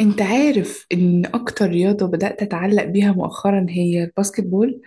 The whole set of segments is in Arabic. انت عارف ان اكتر رياضة بدأت اتعلق بيها مؤخرا هي الباسكت بول؟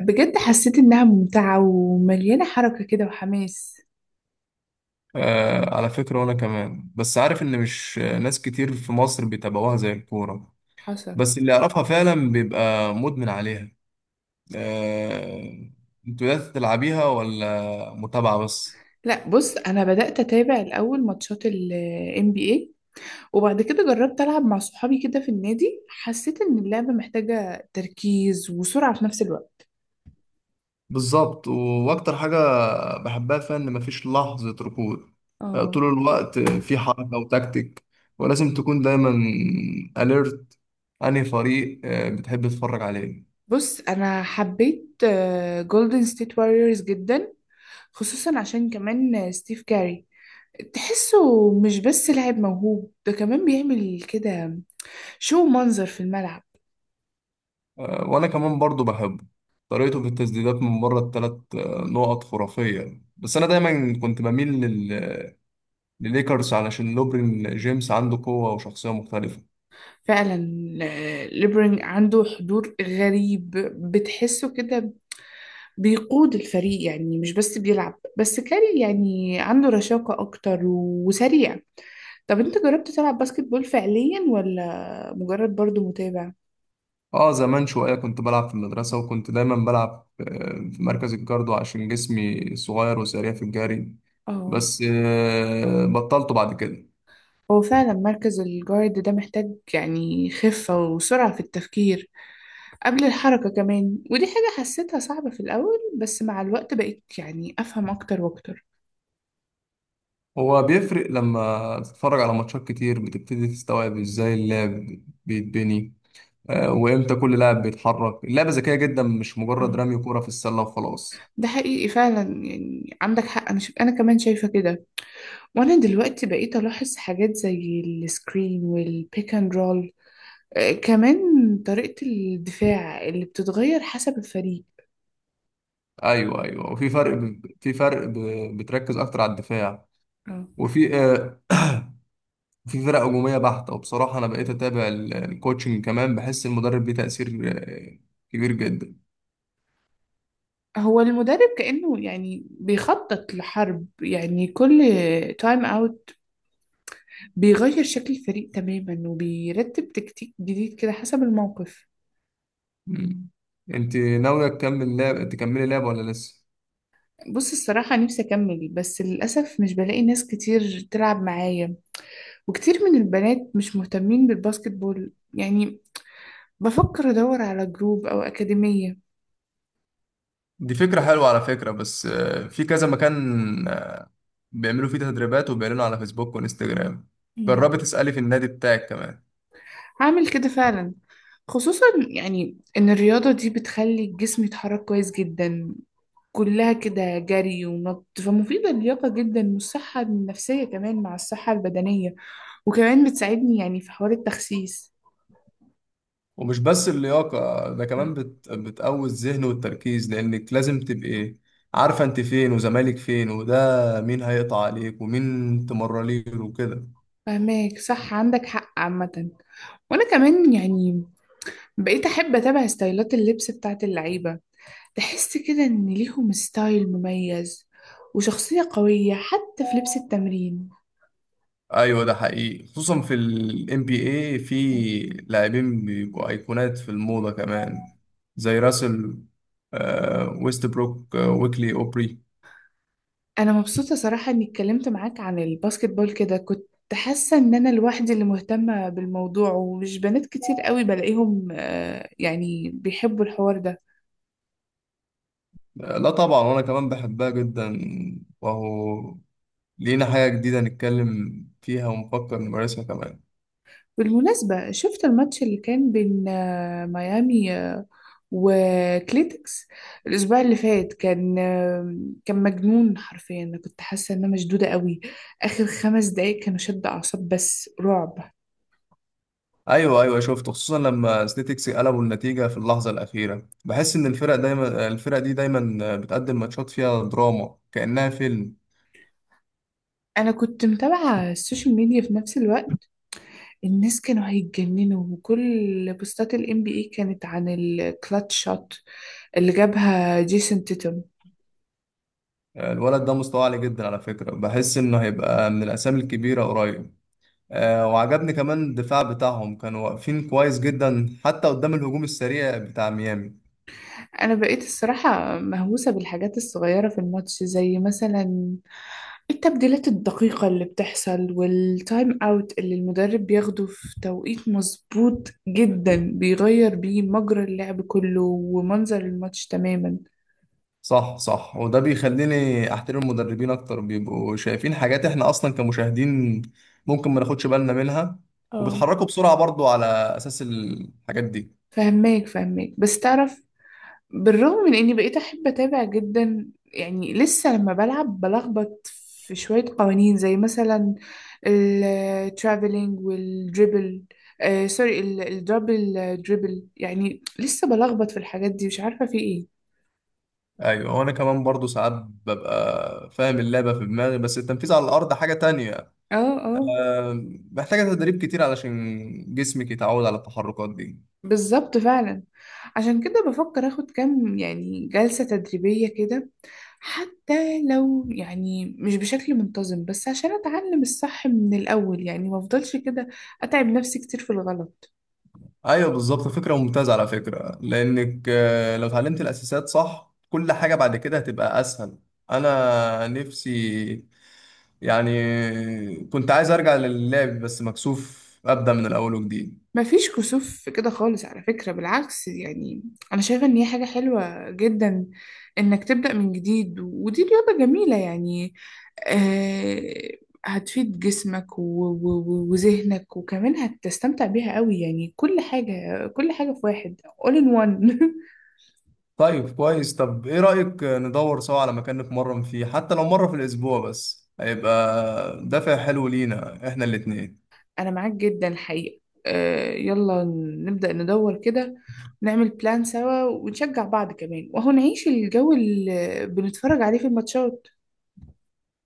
بجد حسيت انها ممتعة ومليانة حركة كده وحماس. آه، على فكرة وأنا كمان بس عارف إن مش ناس كتير في مصر بيتابعوها زي الكورة. حصل. بس اللي يعرفها فعلا بيبقى مدمن عليها. آه. أنتوا يا تلعبيها ولا متابعة بس؟ لا، بص انا بدأت اتابع الاول ماتشات ال NBA، وبعد كده جربت العب مع صحابي كده في النادي. حسيت ان اللعبة محتاجة تركيز وسرعة في نفس الوقت. بالظبط، وأكتر حاجة بحبها فيها إن مفيش لحظة ركود. آه، اه. طول الوقت في حركة وتكتيك، ولازم تكون دايما أليرت. أنهي فريق بتحب تتفرج عليه؟ بص انا حبيت جولدن ستيت واريورز جدا، خصوصا عشان كمان ستيف كاري. تحسه مش بس لاعب موهوب، ده كمان بيعمل كده شو منظر في الملعب. آه، وانا كمان برضو بحبه، طريقته في التسديدات من بره الثلاث نقط خرافية. بس انا دايما كنت بميل لليكرز علشان لوبرين جيمس عنده قوة وشخصية مختلفة. فعلا، ليبرينج عنده حضور غريب. بتحسه كده بيقود الفريق، يعني مش بس بيلعب. بس كاري يعني عنده رشاقة أكتر وسريع. طب أنت جربت تلعب باسكت بول فعليا ولا مجرد برضو متابع؟ اه، زمان شوية كنت بلعب في المدرسة، وكنت دايما بلعب في مركز الجاردو عشان جسمي صغير وسريع في الجري. اه. بس بطلته بعد كده. هو فعلا مركز الجارد ده محتاج يعني خفة وسرعة في التفكير قبل الحركة كمان، ودي حاجة حسيتها صعبة في الأول، بس مع الوقت بقيت يعني أفهم أكتر وأكتر. هو بيفرق لما تتفرج على ماتشات كتير بتبتدي تستوعب ازاي اللعب بيتبني. آه، وامتى كل لاعب بيتحرك. اللعبه ذكيه جدا، مش مجرد مم. رمي كوره في السله وخلاص. ده حقيقي فعلا، يعني عندك حق. أنا كمان شايفة كده. وأنا دلوقتي بقيت ألاحظ حاجات زي السكرين والبيك أند رول، كمان طريقة الدفاع اللي بتتغير حسب الفريق. ايوه، ايوه، في فرق بتركز اكتر على الدفاع. اه. وفي آه، في فرق هجوميه بحته، وبصراحه انا بقيت اتابع الكوتشنج كمان، بحس المدرب ليه تاثير كبير جدا. هو المدرب كأنه يعني بيخطط لحرب، يعني كل تايم اوت بيغير شكل الفريق تماما وبيرتب تكتيك جديد كده حسب الموقف. مم. انت ناويه تكملي لعب ولا لسه؟ بص الصراحة نفسي أكمل، بس للأسف مش بلاقي ناس كتير تلعب معايا، وكتير من البنات مش مهتمين بالباسكت بول يعني. بفكر أدور على جروب أو أكاديمية. دي فكرة حلوة على فكرة، بس في كذا مكان بيعملوا فيه تدريبات وبيعلنوا على فيسبوك وانستجرام. جربي مم. تسألي في النادي بتاعك كمان. هعمل كده فعلا، خصوصا يعني إن الرياضة دي بتخلي الجسم يتحرك كويس جدا. كلها كده جري ونط، فمفيدة اللياقة جدا والصحة النفسية كمان مع الصحة البدنية. وكمان بتساعدني يعني في حوار التخسيس. ومش بس اللياقة، ده كمان بتقوي الذهن والتركيز، لأنك لازم تبقي عارفة أنت فين وزمالك فين، وده مين هيقطع عليك ومين تمرليله وكده. فهماك صح، عندك حق عامة. وانا كمان يعني بقيت احب اتابع ستايلات اللبس بتاعت اللعيبة. تحس كده ان ليهم ستايل مميز وشخصية قوية حتى في لبس التمرين. أيوة، ده حقيقي خصوصا في ال NBA، في لاعبين بيبقوا أيقونات في الموضة كمان، زي راسل ويست بروك ويكلي أوبري. انا مبسوطة صراحة اني اتكلمت معاك عن الباسكت بول كده، كنت حاسة ان انا لوحدي اللي مهتمة بالموضوع، ومش بنات كتير قوي بلاقيهم يعني بيحبوا الحوار ده. آه، لا طبعا، وأنا كمان بحبها جدا، وهو لينا حاجة جديدة نتكلم فيها ونفكر نمارسها كمان. بالمناسبة، شفت الماتش اللي كان بين ميامي وكليتكس الاسبوع اللي فات؟ كان مجنون حرفيا. انا كنت حاسه ان انا مشدوده قوي اخر 5 دقايق. كانوا شد اعصاب، بس رعب. ايوه، ايوه، شفته خصوصا لما سنيتكس قلبوا النتيجه في اللحظه الاخيره، بحس ان الفرق دي دايما بتقدم ماتشات فيها دراما كانها فيلم. انا كنت متابعه السوشيال ميديا في نفس الوقت. الناس كانوا هيتجننوا، وكل بوستات الام بي اي كانت عن الكلاتش شوت اللي جابها جيسون تيتم. الولد ده مستوى عالي جدا على فكره، بحس انه هيبقى من الاسامي الكبيره قريب. آه، وعجبني كمان الدفاع بتاعهم، كانوا واقفين كويس جدا حتى قدام الهجوم السريع بتاع ميامي. انا بقيت الصراحة مهووسة بالحاجات الصغيرة في الماتش، زي مثلا التبديلات الدقيقة اللي بتحصل والتايم اوت اللي المدرب بياخده في توقيت مظبوط جدا، بيغير بيه مجرى اللعب كله ومنظر الماتش تماما. صح، صح، وده بيخليني احترم المدربين اكتر، بيبقوا شايفين حاجات احنا اصلا كمشاهدين ممكن ما ناخدش بالنا منها، اه. وبيتحركوا بسرعة برضو على اساس الحاجات دي. فهماك فهماك، بس تعرف، بالرغم من اني بقيت احب اتابع جدا، يعني لسه لما بلعب بلخبط في شوية قوانين، زي مثلا الترافلينج والدريبل، سوري، الدبل دريبل. يعني لسه بلخبط في الحاجات دي، مش عارفة في ايه. ايوه، وانا كمان برضو ساعات ببقى فاهم اللعبة في دماغي، بس التنفيذ على الارض حاجة تانية. اه، اه، محتاجة تدريب كتير علشان جسمك يتعود على التحركات دي. بالظبط فعلا. عشان كده بفكر اخد كام يعني جلسة تدريبية كده، حتى لو يعني مش بشكل منتظم، بس عشان اتعلم الصح من الاول، يعني ما افضلش كده اتعب نفسي كتير في الغلط. ايوه بالظبط، فكرة ممتازة على فكرة، لانك لو اتعلمت الاساسات صح كل حاجة بعد كده هتبقى اسهل. انا نفسي يعني كنت عايز ارجع للعب، بس مكسوف ابدا من الاول وجديد. مفيش كسوف في كده خالص على فكرة، بالعكس يعني. أنا شايفة إن هي حاجة حلوة جدا إنك تبدأ من جديد، ودي رياضة جميلة يعني. آه هتفيد جسمك وذهنك، وكمان هتستمتع بيها قوي، يعني كل حاجة، كل حاجة في واحد. all in one طيب كويس، طب ايه رايك ندور سوا على مكان نتمرن فيه، حتى لو مره في الاسبوع، بس هيبقى دافع حلو لينا احنا الاتنين. أنا معاك جدا الحقيقة. يلا، نبدأ ندور كده، ونعمل بلان سوا، ونشجع بعض كمان، وهو نعيش الجو اللي بنتفرج عليه في الماتشات.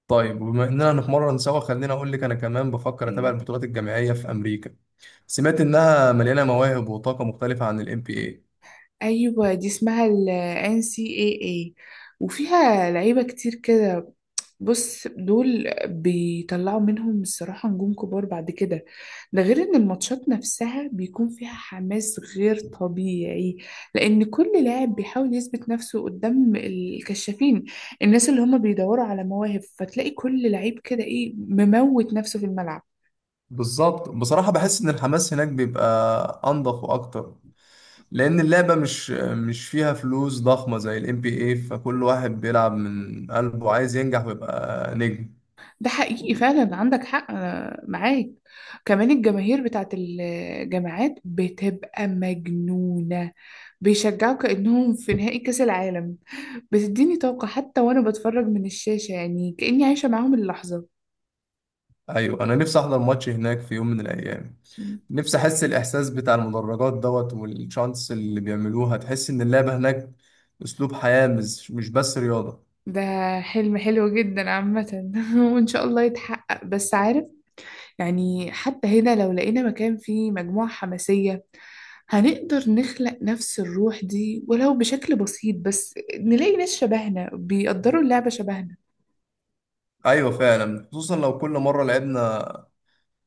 طيب، وبما اننا نتمرن سوا، خليني اقول لك انا كمان بفكر اتابع يعني البطولات الجامعيه في امريكا. سمعت انها مليانه مواهب وطاقه مختلفه عن الام بي اي. ايوه، دي اسمها ال NCAA، وفيها لعيبة كتير كده. بص دول بيطلعوا منهم الصراحة نجوم كبار بعد كده. ده غير ان الماتشات نفسها بيكون فيها حماس غير طبيعي، لان كل لاعب بيحاول يثبت نفسه قدام الكشافين، الناس اللي هم بيدوروا على مواهب، فتلاقي كل لعيب كده ايه مموت نفسه في الملعب. بالظبط، بصراحه بحس ان الحماس هناك بيبقى انضف واكتر، لان اللعبه مش فيها فلوس ضخمه زي الام بي اي، فكل واحد بيلعب من قلبه عايز ينجح ويبقى نجم. ده حقيقي فعلا، عندك حق، أنا معاك. كمان الجماهير بتاعت الجامعات بتبقى مجنونة، بيشجعوا كأنهم في نهائي كأس العالم. بتديني طاقة حتى وأنا بتفرج من الشاشة، يعني كأني عايشة معاهم اللحظة. ايوه، انا نفسي احضر ماتش هناك في يوم من الايام. نفسي احس الاحساس بتاع المدرجات دوت والشانس اللي بيعملوها، تحس ان اللعبه هناك اسلوب حياه، مش بس رياضه. ده حلم حلو جدا عامة وإن شاء الله يتحقق. بس عارف، يعني حتى هنا لو لقينا مكان فيه مجموعة حماسية، هنقدر نخلق نفس الروح دي، ولو بشكل بسيط، بس نلاقي ناس شبهنا بيقدروا اللعبة شبهنا. ايوه، فعلا، خصوصا لو كل مره لعبنا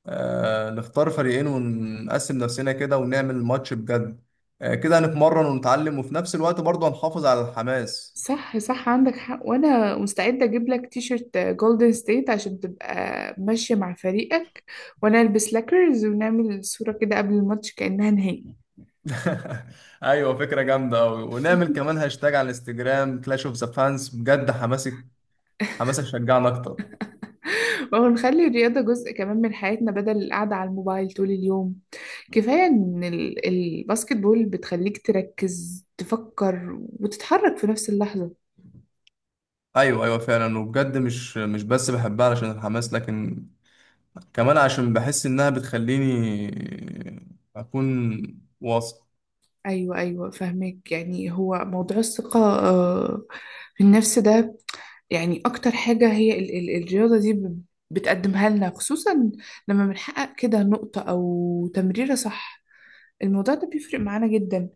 نختار فريقين ونقسم نفسنا كده ونعمل ماتش بجد. كده هنتمرن ونتعلم، وفي نفس الوقت برضه هنحافظ على الحماس. صح صح، عندك حق. وانا مستعدة اجيب لك تيشرت جولدن ستيت عشان تبقى ماشية مع فريقك، وانا البس لاكرز ونعمل صورة كده قبل الماتش كأنها نهائي. ايوه، فكره جامده قوي، ونعمل كمان هاشتاج على الانستجرام كلاش اوف ذا فانز، بجد حماسك شجعنا اكتر. ما هو نخلي الرياضة جزء كمان من حياتنا، بدل القعدة على الموبايل طول اليوم. كفاية إن الباسكت بول بتخليك تركز، تفكر، وتتحرك في نفس اللحظة. ايوه، ايوه، فعلا، وبجد مش بس بحبها علشان الحماس، لكن كمان عشان بحس انها بتخليني اكون واثق. أيوة أيوة، فهمك. يعني هو موضوع الثقة في النفس ده، يعني أكتر حاجة هي الرياضة دي بتقدمها لنا، خصوصا لما بنحقق كده نقطة أو تمريرة صح، الموضوع ده بيفرق معانا جدا.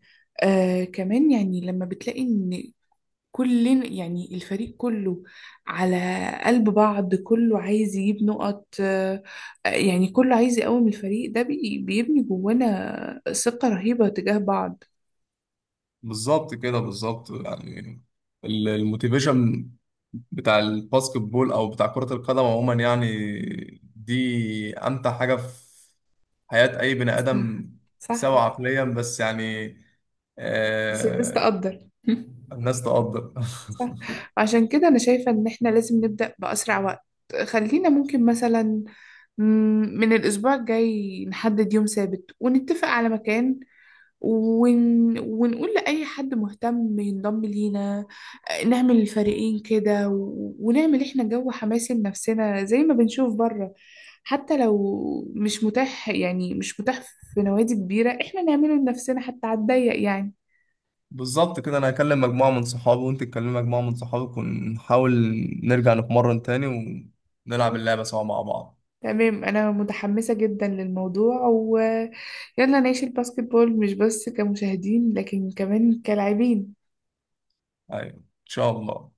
كمان يعني لما بتلاقي إن كل يعني الفريق كله على قلب بعض، كله عايز يجيب نقط، يعني كله عايز يقوم الفريق ده بيبني جوانا ثقة رهيبة تجاه بعض. بالظبط كده بالظبط يعني، الموتيفيشن بتاع الباسكت بول او بتاع كرة القدم عموما يعني دي امتع حاجة في حياة اي بني صح ادم. صح، سواء عقليا بس يعني، بس الناس آه. تقدر. الناس تقدر. صح. عشان كده أنا شايفة إن إحنا لازم نبدأ بأسرع وقت. خلينا ممكن مثلا مم، من الأسبوع الجاي نحدد يوم ثابت ونتفق على مكان، ونقول لأي حد مهتم ينضم لينا، نعمل الفريقين كده ونعمل احنا جو حماسي لنفسنا زي ما بنشوف بره. حتى لو مش متاح يعني مش متاح في نوادي كبيرة، احنا نعمله لنفسنا حتى على الضيق يعني. بالظبط كده، انا هكلم مجموعة من صحابي وانت تكلم مجموعة من صحابك، ونحاول نرجع نتمرن تاني، ونلعب تمام، اللعبة سوا مع بعض. تمام، أنا متحمسة جدا للموضوع، ويلا نعيش الباسكت بول مش بس كمشاهدين، لكن كمان كلاعبين. ايوه ان شاء الله.